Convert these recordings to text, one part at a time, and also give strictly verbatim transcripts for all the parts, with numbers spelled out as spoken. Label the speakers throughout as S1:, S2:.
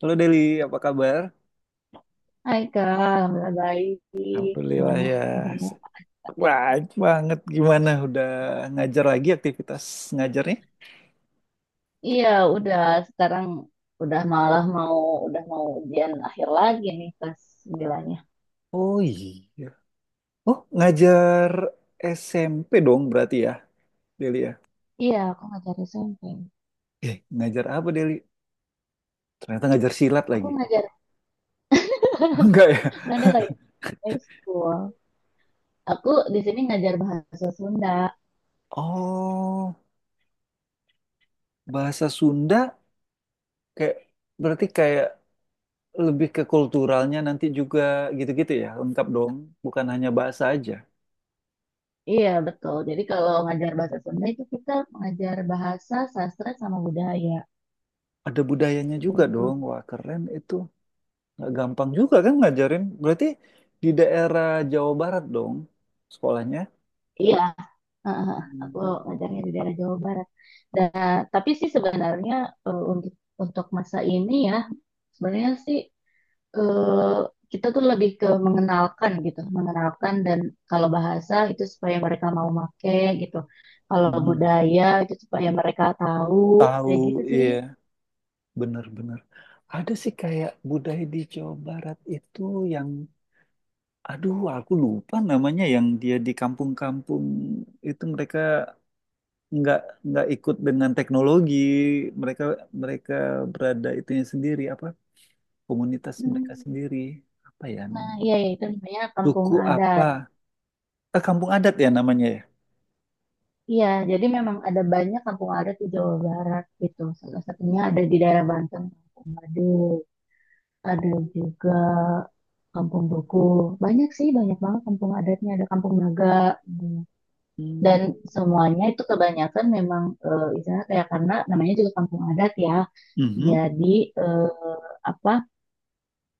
S1: Halo Deli, apa kabar?
S2: Hai Kak, Alhamdulillah baik.
S1: Alhamdulillah
S2: Gimana
S1: ya.
S2: kabarnya?
S1: Baik banget gimana udah ngajar lagi aktivitas ngajarnya?
S2: Iya, udah sekarang udah malah mau udah mau ujian akhir lagi nih kelas sembilan.
S1: Oh iya. Oh, ngajar S M P dong berarti ya, Deli ya.
S2: Iya, aku ngajar S M P.
S1: Eh, ngajar apa Deli? Ternyata ngajar silat
S2: Aku
S1: lagi.
S2: ngajar
S1: Enggak ya?
S2: nggak ada lagi High school. Aku di sini ngajar bahasa Sunda.
S1: Oh, bahasa Sunda kayak berarti kayak lebih ke kulturalnya nanti juga gitu-gitu ya, lengkap dong. Bukan hanya bahasa aja.
S2: Iya, betul. Jadi kalau ngajar bahasa Sunda itu kita mengajar bahasa, sastra sama budaya
S1: Ada budayanya juga
S2: gitu.
S1: dong. Wah, keren itu. Nggak gampang juga kan ngajarin. Berarti di daerah Jawa Barat dong sekolahnya.
S2: Iya, Ah, ah, ah. aku
S1: Hmm.
S2: ngajarnya di daerah Jawa Barat. Dan tapi sih sebenarnya eh, untuk untuk masa ini ya, sebenarnya sih eh, kita tuh lebih ke mengenalkan gitu, mengenalkan, dan kalau bahasa itu supaya mereka mau make gitu. Kalau
S1: Mhm.
S2: budaya itu supaya mereka tahu
S1: Tahu,
S2: kayak gitu sih.
S1: iya, bener-bener. Ada sih kayak budaya di Jawa Barat itu yang, aduh, aku lupa namanya yang dia di kampung-kampung itu mereka nggak nggak ikut dengan teknologi, mereka mereka berada itunya sendiri apa komunitas mereka
S2: Hmm.
S1: sendiri apa ya
S2: Nah,
S1: namanya?
S2: iya, iya, itu namanya kampung
S1: Suku apa?
S2: adat.
S1: Ah, kampung adat ya namanya, ya?
S2: Iya, jadi memang ada banyak kampung adat di Jawa Barat gitu. Salah satunya ada di daerah Banten. Waduh, ada juga kampung buku. Banyak sih, banyak banget kampung adatnya. Ada kampung naga. Hmm.
S1: Hmm,
S2: Dan semuanya itu kebanyakan memang, eh, istilahnya kayak karena namanya juga kampung adat ya.
S1: mhm.
S2: Jadi eh, apa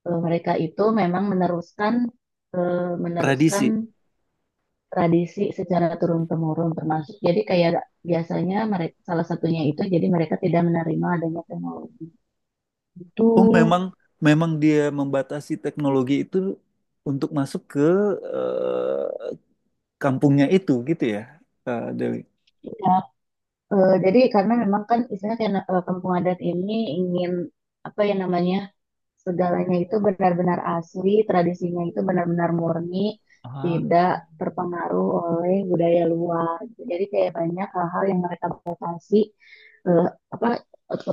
S2: eh, mereka itu memang meneruskan eh, meneruskan
S1: Tradisi.
S2: tradisi secara turun temurun termasuk. Jadi kayak biasanya mereka salah satunya itu jadi mereka tidak menerima adanya teknologi itu.
S1: Oh, memang memang dia membatasi teknologi itu untuk masuk ke eh, kampungnya itu gitu ya, Kak Dewi.
S2: Ya, Eh, jadi karena memang kan istilahnya kayak, eh, kampung adat ini ingin, apa ya namanya, segalanya itu benar-benar asli, tradisinya itu benar-benar murni,
S1: Ah,
S2: tidak terpengaruh oleh budaya luar. Jadi kayak banyak hal-hal yang mereka batasi, eh, apa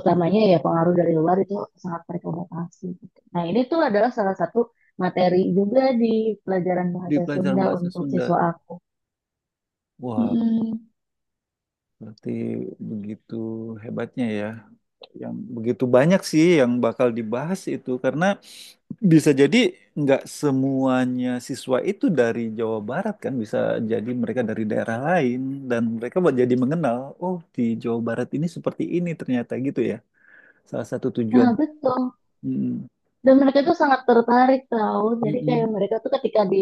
S2: utamanya ya pengaruh dari luar itu sangat mereka batasi gitu. Nah, ini tuh adalah salah satu materi juga di pelajaran
S1: di
S2: bahasa
S1: pelajaran
S2: Sunda
S1: bahasa
S2: untuk siswa
S1: Sunda.
S2: aku.
S1: Wah,
S2: Mm-mm.
S1: berarti begitu hebatnya ya. Yang begitu banyak sih yang bakal dibahas itu karena bisa jadi nggak semuanya siswa itu dari Jawa Barat kan, bisa jadi mereka dari daerah lain dan mereka buat jadi mengenal, oh di Jawa Barat ini seperti ini ternyata gitu ya. Salah satu tujuan.
S2: Nah betul.
S1: mm,
S2: Dan mereka tuh sangat tertarik tau, jadi kayak
S1: Mm-mm.
S2: mereka tuh ketika di,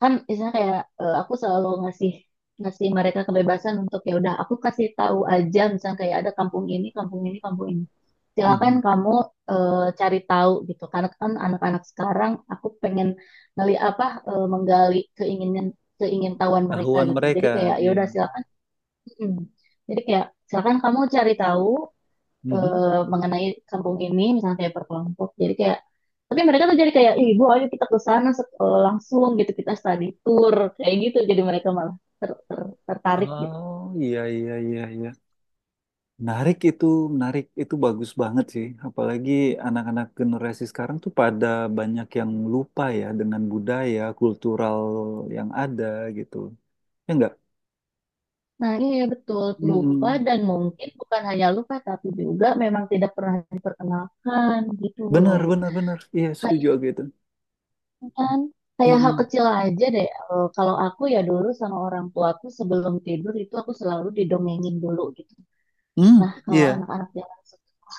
S2: kan misalnya kayak eh, aku selalu ngasih ngasih mereka kebebasan untuk, ya udah aku kasih tahu aja, misalnya kayak ada kampung ini, kampung ini, kampung ini, silakan
S1: Mhm.
S2: kamu eh, cari tahu gitu, karena kan anak-anak sekarang aku pengen ngeli apa eh, menggali keinginan keingintahuan mereka
S1: Tahuan
S2: gitu, jadi
S1: mereka,
S2: kayak ya
S1: iya.
S2: udah silakan. Mm. Jadi kayak silakan kamu cari tahu
S1: Mhm.
S2: eh, mengenai kampung ini, misalnya kayak perkelompok, jadi kayak tapi mereka tuh jadi kayak, ibu ayo kita ke sana sek- eh, langsung gitu, kita study tour kayak gitu, jadi mereka malah ter- ter- tertarik gitu.
S1: Oh iya iya iya iya. Menarik itu, menarik itu bagus banget sih. Apalagi anak-anak generasi sekarang tuh pada banyak yang lupa ya dengan budaya kultural yang ada gitu. Ya enggak?
S2: Nah iya, iya, betul, lupa
S1: Mm-mm.
S2: dan mungkin bukan hanya lupa tapi juga memang tidak pernah diperkenalkan gitu
S1: Benar,
S2: loh.
S1: benar, benar. Iya, setuju
S2: Kayaknya
S1: aku itu.
S2: kan kayak hal
S1: Mm-mm.
S2: kecil aja deh. Eh, kalau aku ya dulu sama orang tuaku sebelum tidur itu aku selalu didongengin dulu gitu.
S1: Mm,
S2: Nah kalau
S1: iya,
S2: anak-anak zaman sekarang,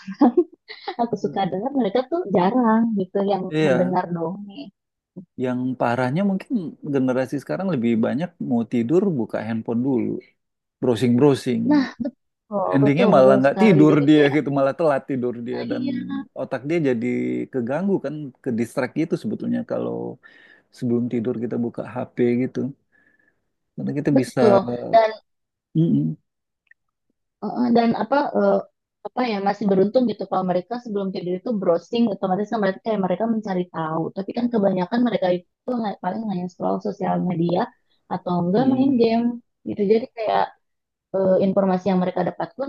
S2: aku suka dengar mereka tuh jarang gitu yang
S1: iya.
S2: mendengar dongeng.
S1: Yang parahnya mungkin generasi sekarang lebih banyak mau tidur buka handphone dulu, browsing-browsing.
S2: Nah, betul,
S1: Endingnya
S2: betul,
S1: malah
S2: betul
S1: nggak
S2: sekali.
S1: tidur
S2: Jadi
S1: dia
S2: kayak,
S1: gitu, malah telat tidur dia
S2: ah,
S1: dan
S2: iya,
S1: otak dia jadi keganggu kan, ke distract gitu sebetulnya kalau sebelum tidur kita buka H P gitu. Karena kita bisa,
S2: betul. Dan
S1: Mm-mm.
S2: eh, dan apa eh, apa ya masih beruntung gitu kalau mereka sebelum tidur itu browsing, otomatis kan mereka kayak mereka mencari tahu. Tapi kan kebanyakan mereka itu paling hanya scroll sosial media atau enggak main
S1: Mm-mm.
S2: game gitu. Jadi kayak eh, informasi yang mereka dapat pun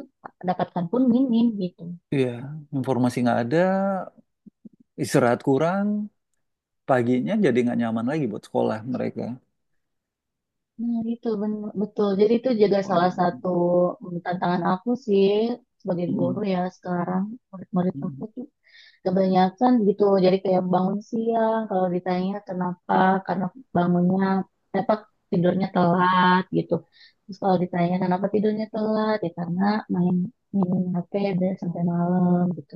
S2: dapatkan pun minim gitu.
S1: Iya, informasi nggak ada, istirahat kurang, paginya jadi nggak nyaman lagi buat sekolah mereka.
S2: Nah, itu bener, betul. Jadi itu juga salah
S1: Wow.
S2: satu mm, tantangan aku sih sebagai guru
S1: Mm-mm.
S2: ya sekarang, murid-murid aku tuh kebanyakan gitu. Jadi kayak bangun siang, kalau ditanya kenapa, karena bangunnya, apa tidurnya telat gitu. Terus kalau ditanya kenapa tidurnya telat, ya karena main main H P deh sampai malam gitu,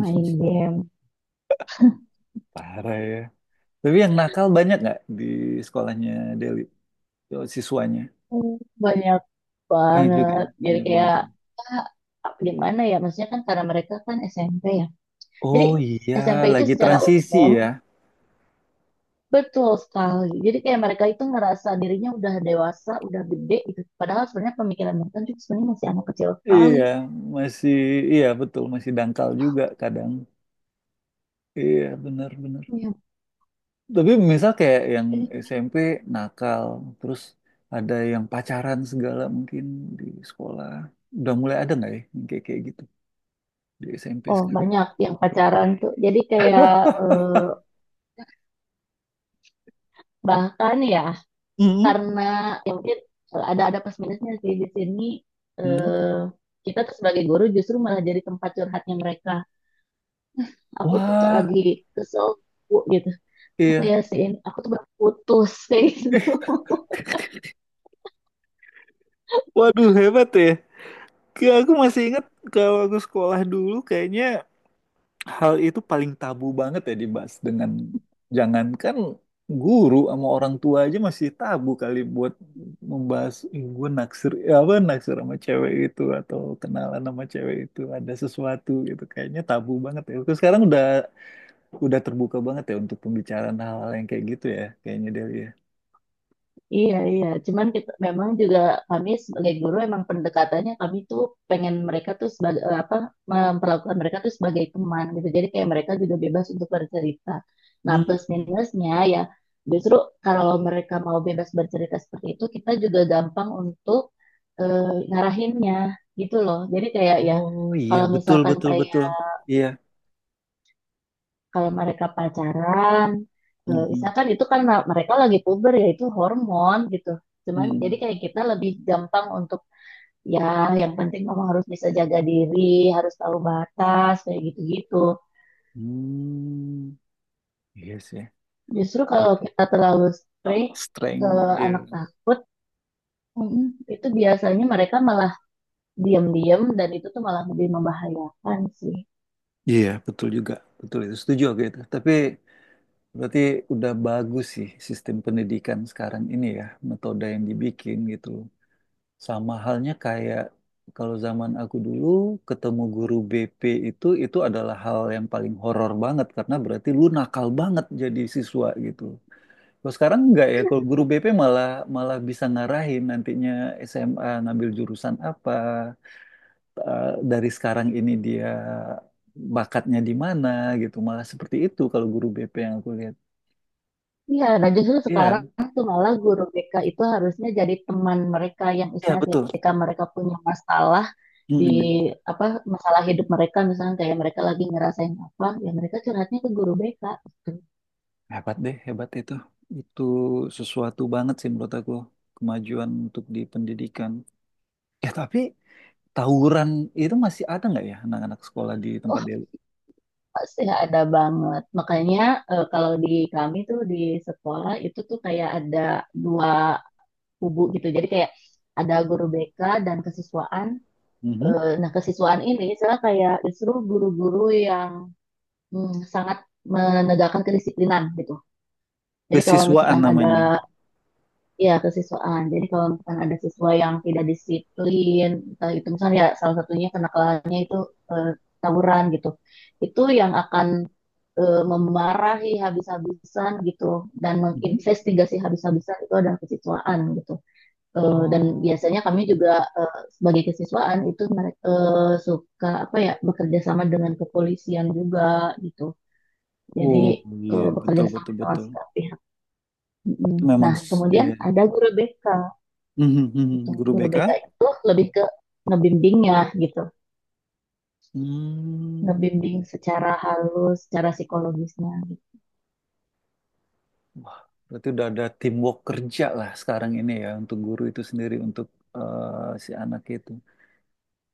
S2: main game.
S1: Parah ya. Tapi yang nakal banyak nggak di sekolahnya Deli? Oh, siswanya?
S2: Hmm, banyak
S1: Banyak juga
S2: banget.
S1: ya?
S2: Jadi
S1: Banyak banget,
S2: kayak
S1: ya?
S2: gimana ya? Maksudnya kan karena mereka kan S M P. Jadi
S1: Oh iya,
S2: S M P itu
S1: lagi
S2: secara
S1: transisi
S2: umum
S1: ya.
S2: betul sekali. Jadi kayak mereka itu ngerasa dirinya udah dewasa, udah gede gitu. Padahal sebenarnya pemikiran mereka tuh sebenarnya masih anak kecil sekali.
S1: Iya, masih, iya betul, masih dangkal juga kadang. Iya, benar-benar.
S2: Ya,
S1: Tapi misal kayak yang
S2: eh,
S1: S M P nakal, terus ada yang pacaran segala mungkin di sekolah. Udah mulai ada nggak ya yang kayak kayak gitu di S M P
S2: oh
S1: sekarang?
S2: banyak yang pacaran tuh. Jadi kayak eh, bahkan ya,
S1: Mm-mm.
S2: karena ya mungkin eh, ada ada plus minusnya sih di sini.
S1: Mm.
S2: eh, Kita tuh sebagai guru justru malah jadi tempat curhatnya mereka. Aku tuh
S1: Wah,
S2: lagi kesel Bu, gitu. Sampai
S1: iya.
S2: ya sih, aku tuh baru putus kayak gitu.
S1: Waduh, hebat ya. Kayak aku masih ingat kalau aku sekolah dulu kayaknya hal itu paling tabu banget ya dibahas dengan jangankan guru sama orang tua aja masih tabu kali buat membahas "Ih, gue naksir ya apa naksir sama cewek itu atau kenalan sama cewek itu ada sesuatu gitu kayaknya tabu banget ya. Terus sekarang udah udah terbuka banget ya untuk pembicaraan hal-hal yang kayak gitu ya kayaknya Delia.
S2: Iya, iya. Cuman kita memang juga, kami sebagai guru emang pendekatannya kami tuh pengen mereka tuh sebagai, eh, apa memperlakukan mereka tuh sebagai teman gitu. Jadi kayak mereka juga bebas untuk bercerita. Nah, plus
S1: Hmm.
S2: minusnya ya justru kalau mereka mau bebas bercerita seperti itu, kita juga gampang untuk eh, ngarahinnya gitu loh. Jadi kayak ya
S1: Oh iya,
S2: kalau
S1: betul
S2: misalkan
S1: betul betul.
S2: kayak,
S1: Iya.
S2: kalau mereka pacaran, eh,
S1: Mhm.
S2: misalkan itu kan ma- mereka lagi puber ya, itu hormon gitu, cuman jadi
S1: Mhm.
S2: kayak kita lebih gampang untuk, ya yang penting kamu harus bisa jaga diri, harus tahu batas, kayak gitu-gitu.
S1: Hmm. Iya sih.
S2: Justru kalau kita terlalu strict ke
S1: Strength. Iya.
S2: anak, takut mm, itu biasanya mereka malah diam-diam, dan itu tuh malah lebih membahayakan sih.
S1: Iya, betul juga. Betul itu. Setuju aku itu. Tapi berarti udah bagus sih sistem pendidikan sekarang ini ya, metode yang dibikin gitu. Sama halnya kayak kalau zaman aku dulu ketemu guru B P itu itu adalah hal yang paling horor banget karena berarti lu nakal banget jadi siswa gitu. Kalau sekarang enggak ya, kalau guru B P malah malah bisa ngarahin nantinya S M A ngambil jurusan apa, eh, dari sekarang ini dia bakatnya di mana gitu, malah seperti itu kalau guru B P yang aku lihat.
S2: Iya, nah justru
S1: Iya,
S2: sekarang tuh malah guru B K itu harusnya jadi teman mereka, yang
S1: iya
S2: istilahnya
S1: betul.
S2: ketika mereka punya masalah di,
S1: Mm-mm.
S2: apa masalah hidup mereka, misalnya kayak mereka lagi ngerasain apa ya, mereka curhatnya ke guru B K gitu.
S1: Hebat deh, hebat itu. Itu sesuatu banget sih menurut aku kemajuan untuk di pendidikan. Ya tapi tawuran itu masih ada nggak ya anak-anak sekolah di
S2: Wah,
S1: tempat dia?
S2: pasti ada banget, makanya eh, kalau di kami tuh di sekolah itu tuh kayak ada dua kubu gitu, jadi kayak ada guru B K dan kesiswaan.
S1: Mhm.
S2: Eh, nah, kesiswaan ini misalnya kayak justru guru-guru yang mm, sangat menegakkan kedisiplinan gitu, jadi kalau
S1: Kesiswaan
S2: misalkan ada,
S1: namanya.
S2: iya, kesiswaan. Jadi kalau misalkan ada siswa yang tidak disiplin, eh, itu misalnya ya salah satunya kenakalannya itu eh, tawuran gitu. Itu yang akan eh, memarahi habis-habisan gitu, dan
S1: Mhm.
S2: menginvestigasi habis-habisan itu adalah kesiswaan gitu. Eh, dan
S1: Oh.
S2: biasanya kami juga eh, sebagai kesiswaan itu, mere- eh, suka apa ya, bekerja sama dengan kepolisian juga gitu. Jadi
S1: Oh iya,
S2: eh, bekerja
S1: betul
S2: sama
S1: betul
S2: dengan
S1: betul
S2: segala pihak. Mm-mm.
S1: itu memang.
S2: Nah,
S1: Nah, s-
S2: kemudian
S1: iya.
S2: ada guru B K
S1: Mhm,
S2: gitu.
S1: mhm. Guru
S2: Guru
S1: B K
S2: B K
S1: guru
S2: itu lebih ke ngebimbingnya gitu,
S1: hmm.
S2: ngebimbing secara halus, secara psikologisnya. Gitu.
S1: Wah berarti udah ada teamwork kerja lah sekarang ini ya untuk guru itu sendiri untuk eh, si anak itu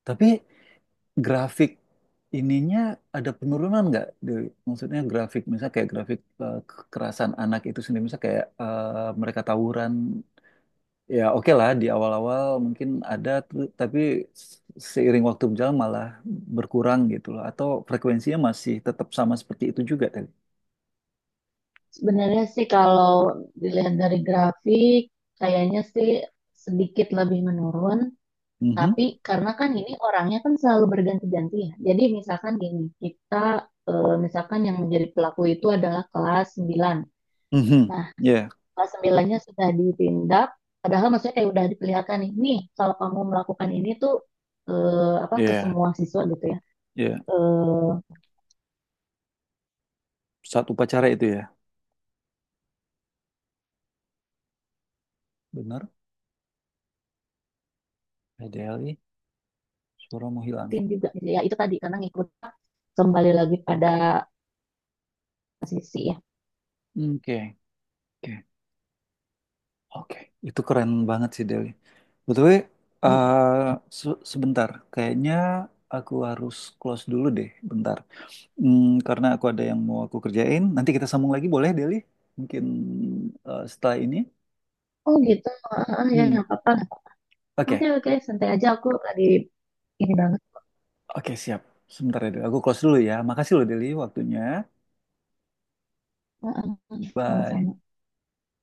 S1: tapi grafik ininya ada penurunan nggak Dewi? Maksudnya grafik misalnya kayak grafik eh, kekerasan anak itu sendiri misalnya kayak eh, mereka tawuran. Ya oke lah di awal-awal mungkin ada tu- tapi seiring waktu berjalan malah berkurang gitu loh atau frekuensinya masih tetap sama seperti itu juga tadi.
S2: Sebenarnya sih kalau dilihat dari grafik, kayaknya sih sedikit lebih menurun,
S1: Mhm.
S2: tapi karena kan ini orangnya kan selalu berganti-ganti ya. Jadi misalkan gini, kita eh, misalkan yang menjadi pelaku itu adalah kelas sembilan.
S1: Mhm.
S2: Nah,
S1: Ya,
S2: kelas sembilannya sudah ditindak, padahal maksudnya kayak udah diperlihatkan nih nih kalau kamu melakukan ini tuh, eh, apa ke
S1: ya,
S2: semua siswa gitu ya,
S1: ya.
S2: eh
S1: Saat upacara itu ya. Benar. P D L I suara mau hilang.
S2: tim juga gitu ya, itu tadi karena ngikut, kembali lagi pada sisi ya.
S1: Oke, oke. Oke. Itu keren banget sih Deli. Betul
S2: Kem-
S1: sebentar kayaknya aku harus close dulu deh bentar. Hmm, karena aku ada yang mau aku kerjain, nanti kita sambung lagi boleh, Deli? Mungkin eh, setelah ini.
S2: oh gitu. ah, ah, ya,
S1: Hmm.
S2: nggak apa-apa. Oke,
S1: Oke,
S2: oke, santai aja. Aku tadi ini banget.
S1: oke siap. Sebentar ya, Deli. Aku close dulu ya. Makasih loh, Deli, waktunya.
S2: Ah, ah, ah,
S1: Bye.
S2: sama-sama.